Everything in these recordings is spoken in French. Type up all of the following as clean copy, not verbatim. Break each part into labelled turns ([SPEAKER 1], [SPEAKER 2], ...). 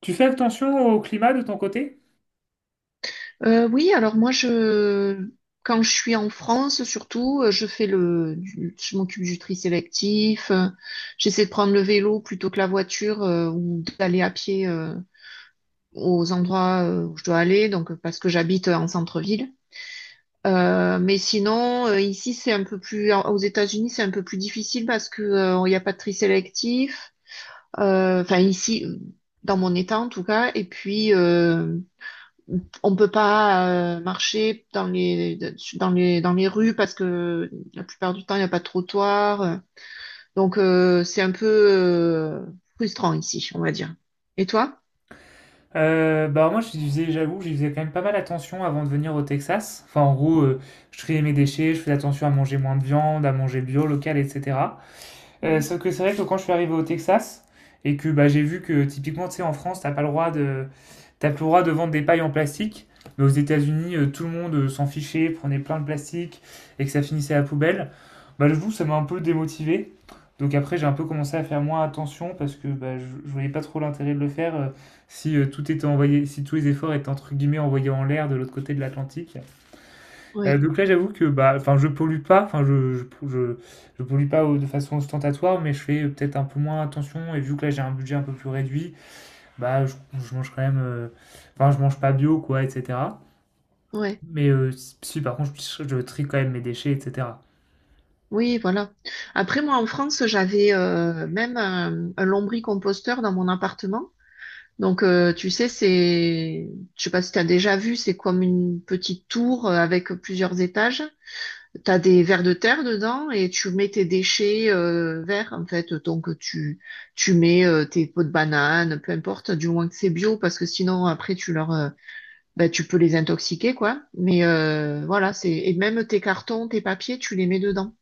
[SPEAKER 1] Tu fais attention au climat de ton côté?
[SPEAKER 2] Oui, alors moi je quand je suis en France surtout, je fais je m'occupe du tri sélectif, j'essaie de prendre le vélo plutôt que la voiture, ou d'aller à pied, aux endroits, où je dois aller, donc, parce que j'habite en centre-ville. Mais sinon, ici c'est un peu plus aux États-Unis c'est un peu plus difficile parce que, il n'y a pas de tri sélectif. Enfin ici dans mon état en tout cas et puis, on peut pas, marcher dans les rues parce que la plupart du temps il n'y a pas de trottoir. Donc, c'est un peu, frustrant ici, on va dire. Et toi?
[SPEAKER 1] Bah moi, j'avoue, j'y faisais quand même pas mal attention avant de venir au Texas. Enfin, en gros, je triais mes déchets, je faisais attention à manger moins de viande, à manger bio, local, etc. Euh,
[SPEAKER 2] Mm.
[SPEAKER 1] sauf que c'est vrai que quand je suis arrivé au Texas et que bah, j'ai vu que typiquement, tu sais, en France, t'as pas le droit de, t'as plus le droit de vendre des pailles en plastique. Mais aux États-Unis, tout le monde s'en fichait, prenait plein de plastique et que ça finissait à la poubelle. Bah, j'avoue, ça m'a un peu démotivé. Donc après, j'ai un peu commencé à faire moins attention parce que bah, je voyais pas trop l'intérêt de le faire si tout était envoyé, si tous les efforts étaient entre guillemets envoyés en l'air de l'autre côté de l'Atlantique. Euh,
[SPEAKER 2] Ouais,
[SPEAKER 1] donc là, j'avoue que bah, enfin, je pollue pas, enfin, je pollue pas au- de façon ostentatoire, mais je fais peut-être un peu moins attention. Et vu que là, j'ai un budget un peu plus réduit, bah, je mange quand même, enfin, je mange pas bio, quoi, etc.
[SPEAKER 2] ouais.
[SPEAKER 1] Mais si, si, par contre, je trie quand même mes déchets, etc.
[SPEAKER 2] Oui, voilà. Après, moi, en France, j'avais, même un lombricomposteur dans mon appartement. Donc, tu sais, c'est, je sais pas si tu as déjà vu, c'est comme une petite tour, avec plusieurs étages. T'as des vers de terre dedans et tu mets tes déchets, verts en fait. Donc tu mets, tes pots de banane, peu importe, du moins que c'est bio parce que sinon après tu leur, bah, tu peux les intoxiquer quoi. Mais, voilà, c'est et même tes cartons, tes papiers, tu les mets dedans.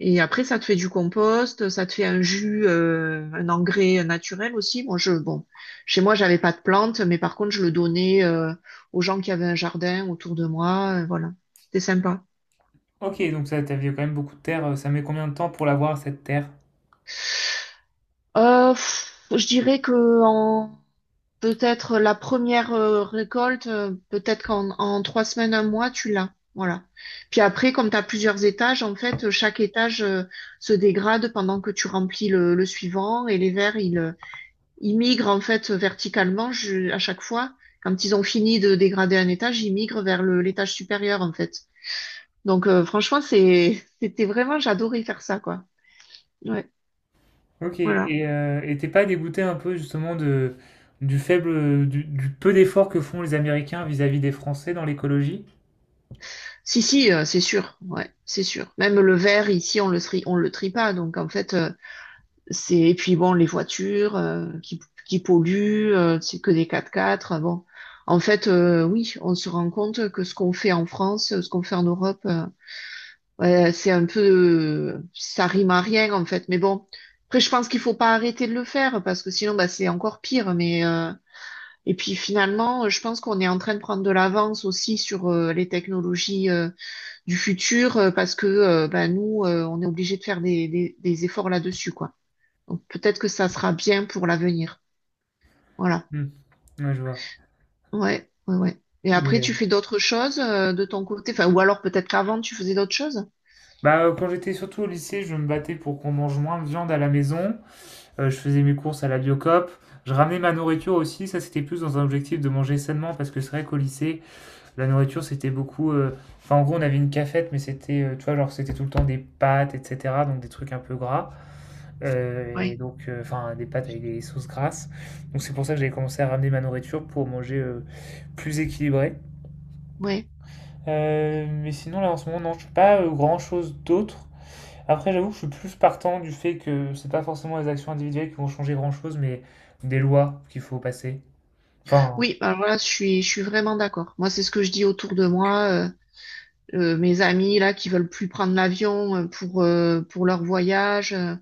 [SPEAKER 2] Et après ça te fait du compost, ça te fait un jus, un engrais naturel aussi. Moi je bon, chez moi j'avais pas de plantes, mais par contre je le donnais, aux gens qui avaient un jardin autour de moi. Voilà, c'était sympa.
[SPEAKER 1] Ok, donc ça, t'avais quand même beaucoup de terre. Ça met combien de temps pour l'avoir, cette terre?
[SPEAKER 2] Je dirais que, en peut-être la première, récolte, peut-être qu'en en 3 semaines, un mois, tu l'as. Voilà. Puis après, comme tu as plusieurs étages, en fait, chaque étage, se dégrade pendant que tu remplis le suivant et les vers, ils, ils migrent en fait verticalement à chaque fois. Quand ils ont fini de dégrader un étage, ils migrent vers l'étage supérieur en fait. Donc, franchement, c'était vraiment, j'adorais faire ça, quoi. Ouais,
[SPEAKER 1] Ok,
[SPEAKER 2] voilà.
[SPEAKER 1] et t'es pas dégoûté un peu justement de, du peu d'efforts que font les Américains vis-à-vis des Français dans l'écologie?
[SPEAKER 2] Si, si, c'est sûr, ouais, c'est sûr. Même le verre, ici, on le trie pas. Donc, en fait, c'est, et puis bon, les voitures, qui polluent, c'est que des 4x4. Bon, en fait, oui, on se rend compte que ce qu'on fait en France, ce qu'on fait en Europe, ouais, c'est un peu, ça rime à rien, en fait. Mais bon, après, je pense qu'il faut pas arrêter de le faire parce que sinon, bah, c'est encore pire. Mais, et puis finalement, je pense qu'on est en train de prendre de l'avance aussi sur, les technologies du futur, parce que, bah, nous, on est obligé de faire des efforts là-dessus, quoi. Donc peut-être que ça sera bien pour l'avenir. Voilà.
[SPEAKER 1] Hmm, ouais, je vois.
[SPEAKER 2] Ouais, ouais, ouais. Et
[SPEAKER 1] Mais
[SPEAKER 2] après,
[SPEAKER 1] euh,
[SPEAKER 2] tu fais d'autres choses, de ton côté, enfin, ou alors peut-être qu'avant, tu faisais d'autres choses.
[SPEAKER 1] Quand j'étais surtout au lycée, je me battais pour qu'on mange moins de viande à la maison. Je faisais mes courses à la Biocoop. Je ramenais ma nourriture aussi. Ça, c'était plus dans un objectif de manger sainement parce que c'est vrai qu'au lycée, la nourriture, c'était beaucoup. Enfin, en gros, on avait une cafette, mais tu vois, genre, c'était tout le temps des pâtes, etc. Donc, des trucs un peu gras.
[SPEAKER 2] Oui,
[SPEAKER 1] Enfin, des pâtes avec des sauces grasses. Donc, c'est pour ça que j'ai commencé à ramener ma nourriture pour manger plus équilibré.
[SPEAKER 2] oui.
[SPEAKER 1] Mais sinon, là, en ce moment, non, je fais pas grand chose d'autre. Après, j'avoue que je suis plus partant du fait que c'est pas forcément les actions individuelles qui vont changer grand-chose, mais des lois qu'il faut passer. Enfin,
[SPEAKER 2] Oui, alors là, je suis vraiment d'accord. Moi, c'est ce que je dis autour de moi. Mes amis là qui veulent plus prendre l'avion, pour leur voyage,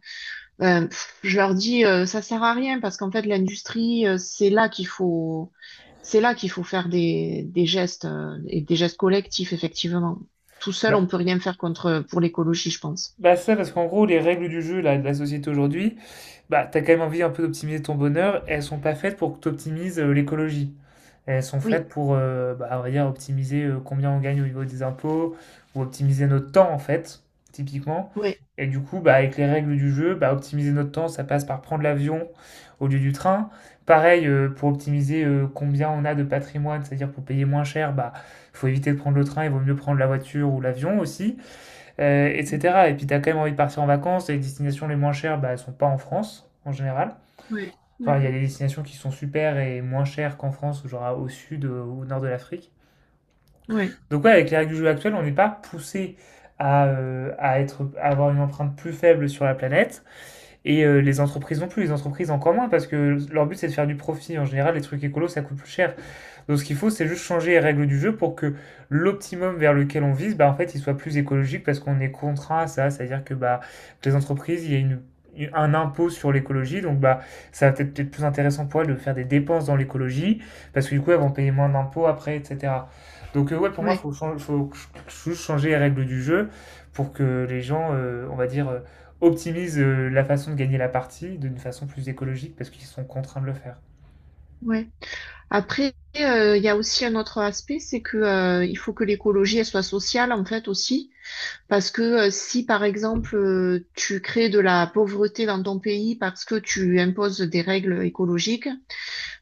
[SPEAKER 2] ben, je leur dis, ça sert à rien parce qu'en fait l'industrie, C'est là qu'il faut faire des gestes, et des gestes collectifs, effectivement. Tout seul,
[SPEAKER 1] bah,
[SPEAKER 2] on peut rien faire contre pour l'écologie, je pense.
[SPEAKER 1] Bah ça, parce qu'en gros, les règles du jeu là, de la société aujourd'hui, bah t'as quand même envie un peu d'optimiser ton bonheur, et elles sont pas faites pour que t'optimises l'écologie. Elles sont
[SPEAKER 2] Oui,
[SPEAKER 1] faites pour, bah, on va dire, optimiser combien on gagne au niveau des impôts, ou optimiser notre temps en fait, typiquement.
[SPEAKER 2] oui,
[SPEAKER 1] Et du coup, bah, avec les règles du jeu, bah, optimiser notre temps, ça passe par prendre l'avion au lieu du train. Pareil, pour optimiser combien on a de patrimoine, c'est-à-dire pour payer moins cher, bah, faut éviter de prendre le train, il vaut mieux prendre la voiture ou l'avion aussi etc. Et puis t'as quand même envie de partir en vacances, les destinations les moins chères, bah, elles ne sont pas en France, en général.
[SPEAKER 2] oui,
[SPEAKER 1] Enfin, il
[SPEAKER 2] oui,
[SPEAKER 1] y a des destinations qui sont super et moins chères qu'en France, genre au sud, ou au nord de l'Afrique.
[SPEAKER 2] oui,
[SPEAKER 1] Donc ouais, avec les règles du jeu actuelles, on n'est pas poussé à, à avoir une empreinte plus faible sur la planète, et les entreprises non plus, les entreprises encore moins, parce que leur but c'est de faire du profit. En général, les trucs écolos, ça coûte plus cher. Donc ce qu'il faut, c'est juste changer les règles du jeu pour que l'optimum vers lequel on vise, bah, en fait, il soit plus écologique parce qu'on est contraint à ça. C'est-à-dire que bah, les entreprises, il y a une, un impôt sur l'écologie, donc bah, ça va peut-être être plus intéressant pour elles de faire des dépenses dans l'écologie parce que du coup, elles vont payer moins d'impôts après, etc. Ouais, pour moi,
[SPEAKER 2] oui,
[SPEAKER 1] juste changer les règles du jeu pour que les gens, on va dire, optimisent la façon de gagner la partie d'une façon plus écologique parce qu'ils sont contraints de le faire.
[SPEAKER 2] oui. Après, il y a aussi un autre aspect, c'est que, il faut que l'écologie elle soit sociale en fait aussi, parce que, si par exemple, tu crées de la pauvreté dans ton pays parce que tu imposes des règles écologiques.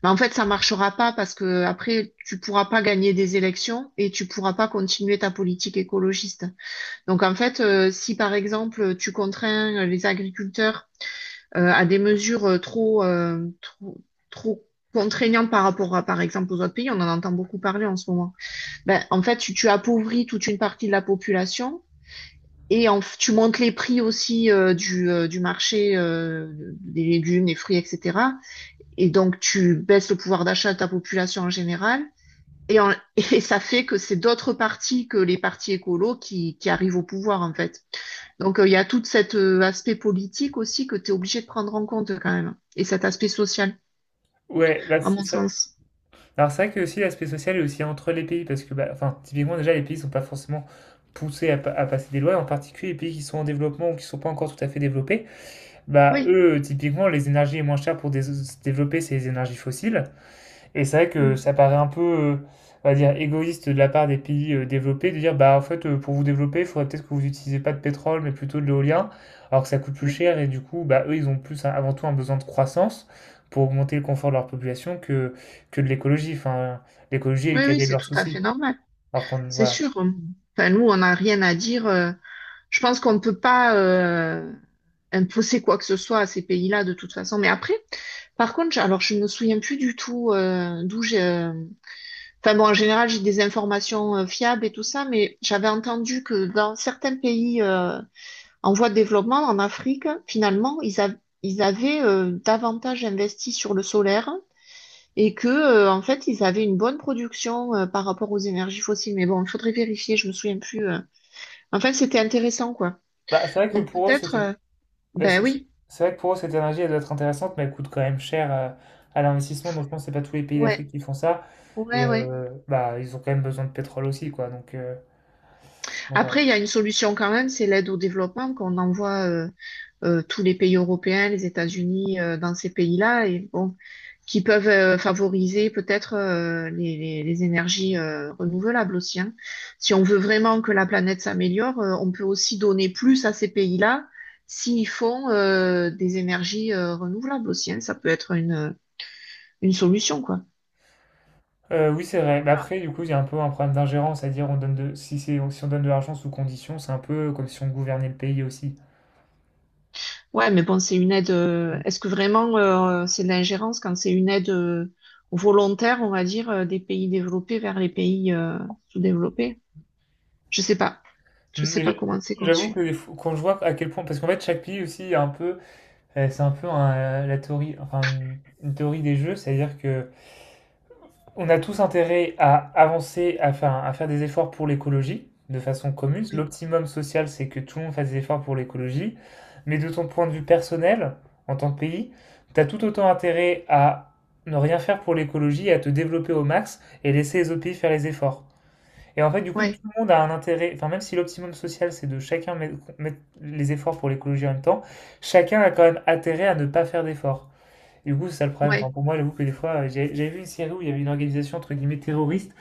[SPEAKER 2] Mais en fait, ça marchera pas parce que après, tu pourras pas gagner des élections et tu pourras pas continuer ta politique écologiste. Donc en fait, si par exemple tu contrains, les agriculteurs, à des mesures, trop contraignantes par rapport à, par exemple, aux autres pays, on en entend beaucoup parler en ce moment. Ben, en fait, tu appauvris toute une partie de la population. Et tu montes les prix aussi, du marché, des légumes, des fruits, etc. Et donc, tu baisses le pouvoir d'achat de ta population en général. Et, en- et ça fait que c'est d'autres partis que les partis écolos qui arrivent au pouvoir, en fait. Donc, il y a tout cet, aspect politique aussi que tu es obligé de prendre en compte quand même. Et cet aspect social,
[SPEAKER 1] Ouais, bah,
[SPEAKER 2] à mon
[SPEAKER 1] c'est
[SPEAKER 2] sens.
[SPEAKER 1] Alors c'est vrai que aussi l'aspect social est aussi entre les pays, parce que bah, enfin, typiquement déjà les pays sont pas forcément poussés à, à passer des lois, en particulier les pays qui sont en développement ou qui sont pas encore tout à fait développés, bah
[SPEAKER 2] Oui,
[SPEAKER 1] eux typiquement les énergies les moins chères pour se développer c'est les énergies fossiles, et c'est vrai
[SPEAKER 2] mm,
[SPEAKER 1] que ça paraît un peu, on va dire, égoïste de la part des pays développés de dire, bah en fait, pour vous développer, il faudrait peut-être que vous n'utilisez pas de pétrole, mais plutôt de l'éolien, alors que ça coûte plus
[SPEAKER 2] oui,
[SPEAKER 1] cher et du coup, bah eux, ils ont plus un- avant tout un besoin de croissance pour augmenter le confort de leur que de l'écologie. Enfin, l'écologie est le
[SPEAKER 2] oui, oui,
[SPEAKER 1] cadet de
[SPEAKER 2] c'est
[SPEAKER 1] leurs
[SPEAKER 2] tout à fait
[SPEAKER 1] soucis.
[SPEAKER 2] normal.
[SPEAKER 1] Alors qu'on,
[SPEAKER 2] C'est
[SPEAKER 1] voilà.
[SPEAKER 2] sûr. Enfin, nous, on n'a rien à dire. Je pense qu'on ne peut pas, imposer quoi que ce soit à ces pays-là de toute façon. Mais après, par contre, alors je me souviens plus du tout, d'où j'ai. Enfin bon, en général, j'ai des informations, fiables et tout ça, mais j'avais entendu que dans certains pays, en voie de développement, en Afrique, finalement, ils avaient, davantage investi sur le solaire et que, en fait, ils avaient une bonne production, par rapport aux énergies fossiles. Mais bon, il faudrait vérifier. Je me souviens plus. Enfin, c'était intéressant, quoi.
[SPEAKER 1] Bah, c'est vrai que
[SPEAKER 2] Donc
[SPEAKER 1] pour eux,
[SPEAKER 2] peut-être.
[SPEAKER 1] c'était,
[SPEAKER 2] euh,
[SPEAKER 1] bah,
[SPEAKER 2] Ben
[SPEAKER 1] c'est c'est-
[SPEAKER 2] oui.
[SPEAKER 1] c'est vrai que pour eux, cette énergie, elle doit être intéressante, mais elle coûte quand même cher à l'investissement. Donc je pense que c'est pas tous les pays
[SPEAKER 2] Ouais.
[SPEAKER 1] d'Afrique qui font ça. Et
[SPEAKER 2] Ouais, ouais.
[SPEAKER 1] bah, ils ont quand même besoin de pétrole aussi, quoi. Donc, voilà.
[SPEAKER 2] Après, il y a une solution quand même, c'est l'aide au développement qu'on envoie, tous les pays européens, les États-Unis, dans ces pays-là, et bon, qui peuvent, favoriser peut-être, les énergies, renouvelables aussi. Hein. Si on veut vraiment que la planète s'améliore, on peut aussi donner plus à ces pays-là s'ils font, des énergies, renouvelables aussi. Hein. Ça peut être une solution, quoi.
[SPEAKER 1] Oui, c'est vrai. Mais après, du coup, il y a un peu un problème d'ingérence, c'est-à-dire on donne de... si c'est... si on donne de l'argent sous condition, c'est un peu comme si on gouvernait le pays aussi.
[SPEAKER 2] Ouais, mais bon, c'est une aide.
[SPEAKER 1] Mm.
[SPEAKER 2] Est-ce que vraiment, c'est de l'ingérence quand c'est une aide, volontaire, on va dire, des pays développés vers les pays, sous-développés? Je sais pas. Je sais
[SPEAKER 1] Mais
[SPEAKER 2] pas
[SPEAKER 1] j'a-
[SPEAKER 2] comment c'est
[SPEAKER 1] j'avoue que
[SPEAKER 2] conçu.
[SPEAKER 1] des fois- quand je vois à quel point, parce qu'en fait chaque pays aussi a un peu, c'est un peu un, la théorie, une théorie des jeux, c'est-à-dire que on a tous intérêt à avancer, à faire des efforts pour l'écologie de façon commune.
[SPEAKER 2] Oui.
[SPEAKER 1] L'optimum social, c'est que tout le monde fasse des efforts pour l'écologie. Mais de ton point de vue personnel, en tant que pays, tu as tout autant intérêt à ne rien faire pour l'écologie, à te développer au max et laisser les autres pays faire les efforts. Et en fait, du coup, tout
[SPEAKER 2] Ouais.
[SPEAKER 1] le monde a un intérêt, enfin, même si l'optimum social, c'est de chacun mettre les efforts pour l'écologie en même temps, chacun a quand même intérêt à ne pas faire d'efforts. Du coup, c'est ça le problème.
[SPEAKER 2] Ouais.
[SPEAKER 1] Enfin, pour moi, j'avoue que des fois, j'avais vu une série où il y avait une organisation entre guillemets terroriste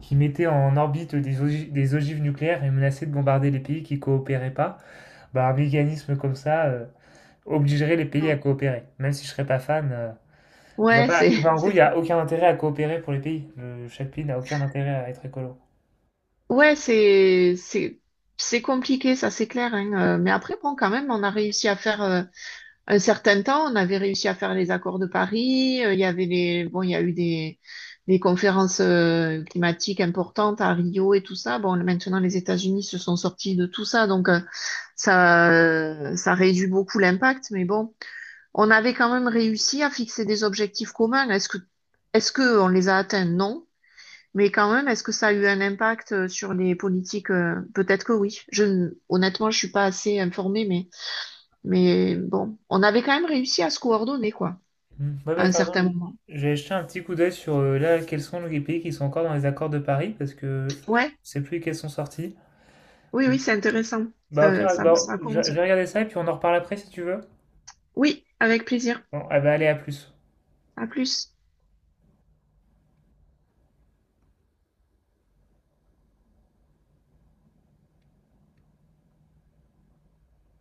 [SPEAKER 1] qui mettait en orbite des ogives nucléaires et menaçait de bombarder les pays qui coopéraient pas. Bah, un mécanisme comme ça obligerait les pays à
[SPEAKER 2] Non.
[SPEAKER 1] coopérer. Même si je serais pas fan, je vois
[SPEAKER 2] Ouais,
[SPEAKER 1] pas.
[SPEAKER 2] c'est,
[SPEAKER 1] Enfin, en gros, il
[SPEAKER 2] c'est,
[SPEAKER 1] n'y a aucun intérêt à coopérer pour les pays. Chaque pays n'a aucun intérêt à être écolo.
[SPEAKER 2] ouais, c'est compliqué, ça, c'est clair. Hein, mais après, bon, quand même, on a réussi à faire. Un certain temps, on avait réussi à faire les accords de Paris. Il y avait les, bon, il y a eu des conférences, climatiques importantes à Rio et tout ça. Bon, maintenant, les États-Unis se sont sortis de tout ça, donc, ça réduit beaucoup l'impact. Mais bon, on avait quand même réussi à fixer des objectifs communs. Est-ce que on les a atteints? Non. Mais quand même, est-ce que ça a eu un impact, sur les politiques? Peut-être que oui. Je, ne- Honnêtement, je suis pas assez informée, mais bon, on avait quand même réussi à se coordonner, quoi,
[SPEAKER 1] Hmm. Ouais,
[SPEAKER 2] à
[SPEAKER 1] bah,
[SPEAKER 2] un
[SPEAKER 1] t'as raison.
[SPEAKER 2] certain moment.
[SPEAKER 1] J'ai jeté un petit coup d'œil sur là, quels sont les pays qui sont encore dans les accords de Paris parce que je
[SPEAKER 2] Ouais,
[SPEAKER 1] sais plus lesquels sont sortis.
[SPEAKER 2] oui, oui, c'est intéressant.
[SPEAKER 1] Bah, au
[SPEAKER 2] Ça,
[SPEAKER 1] pire,
[SPEAKER 2] ça,
[SPEAKER 1] bah,
[SPEAKER 2] ça
[SPEAKER 1] je
[SPEAKER 2] compte.
[SPEAKER 1] vais regarder ça et puis on en reparle après si tu veux.
[SPEAKER 2] Oui, avec plaisir.
[SPEAKER 1] Bon, ah bah, allez, à plus.
[SPEAKER 2] À plus.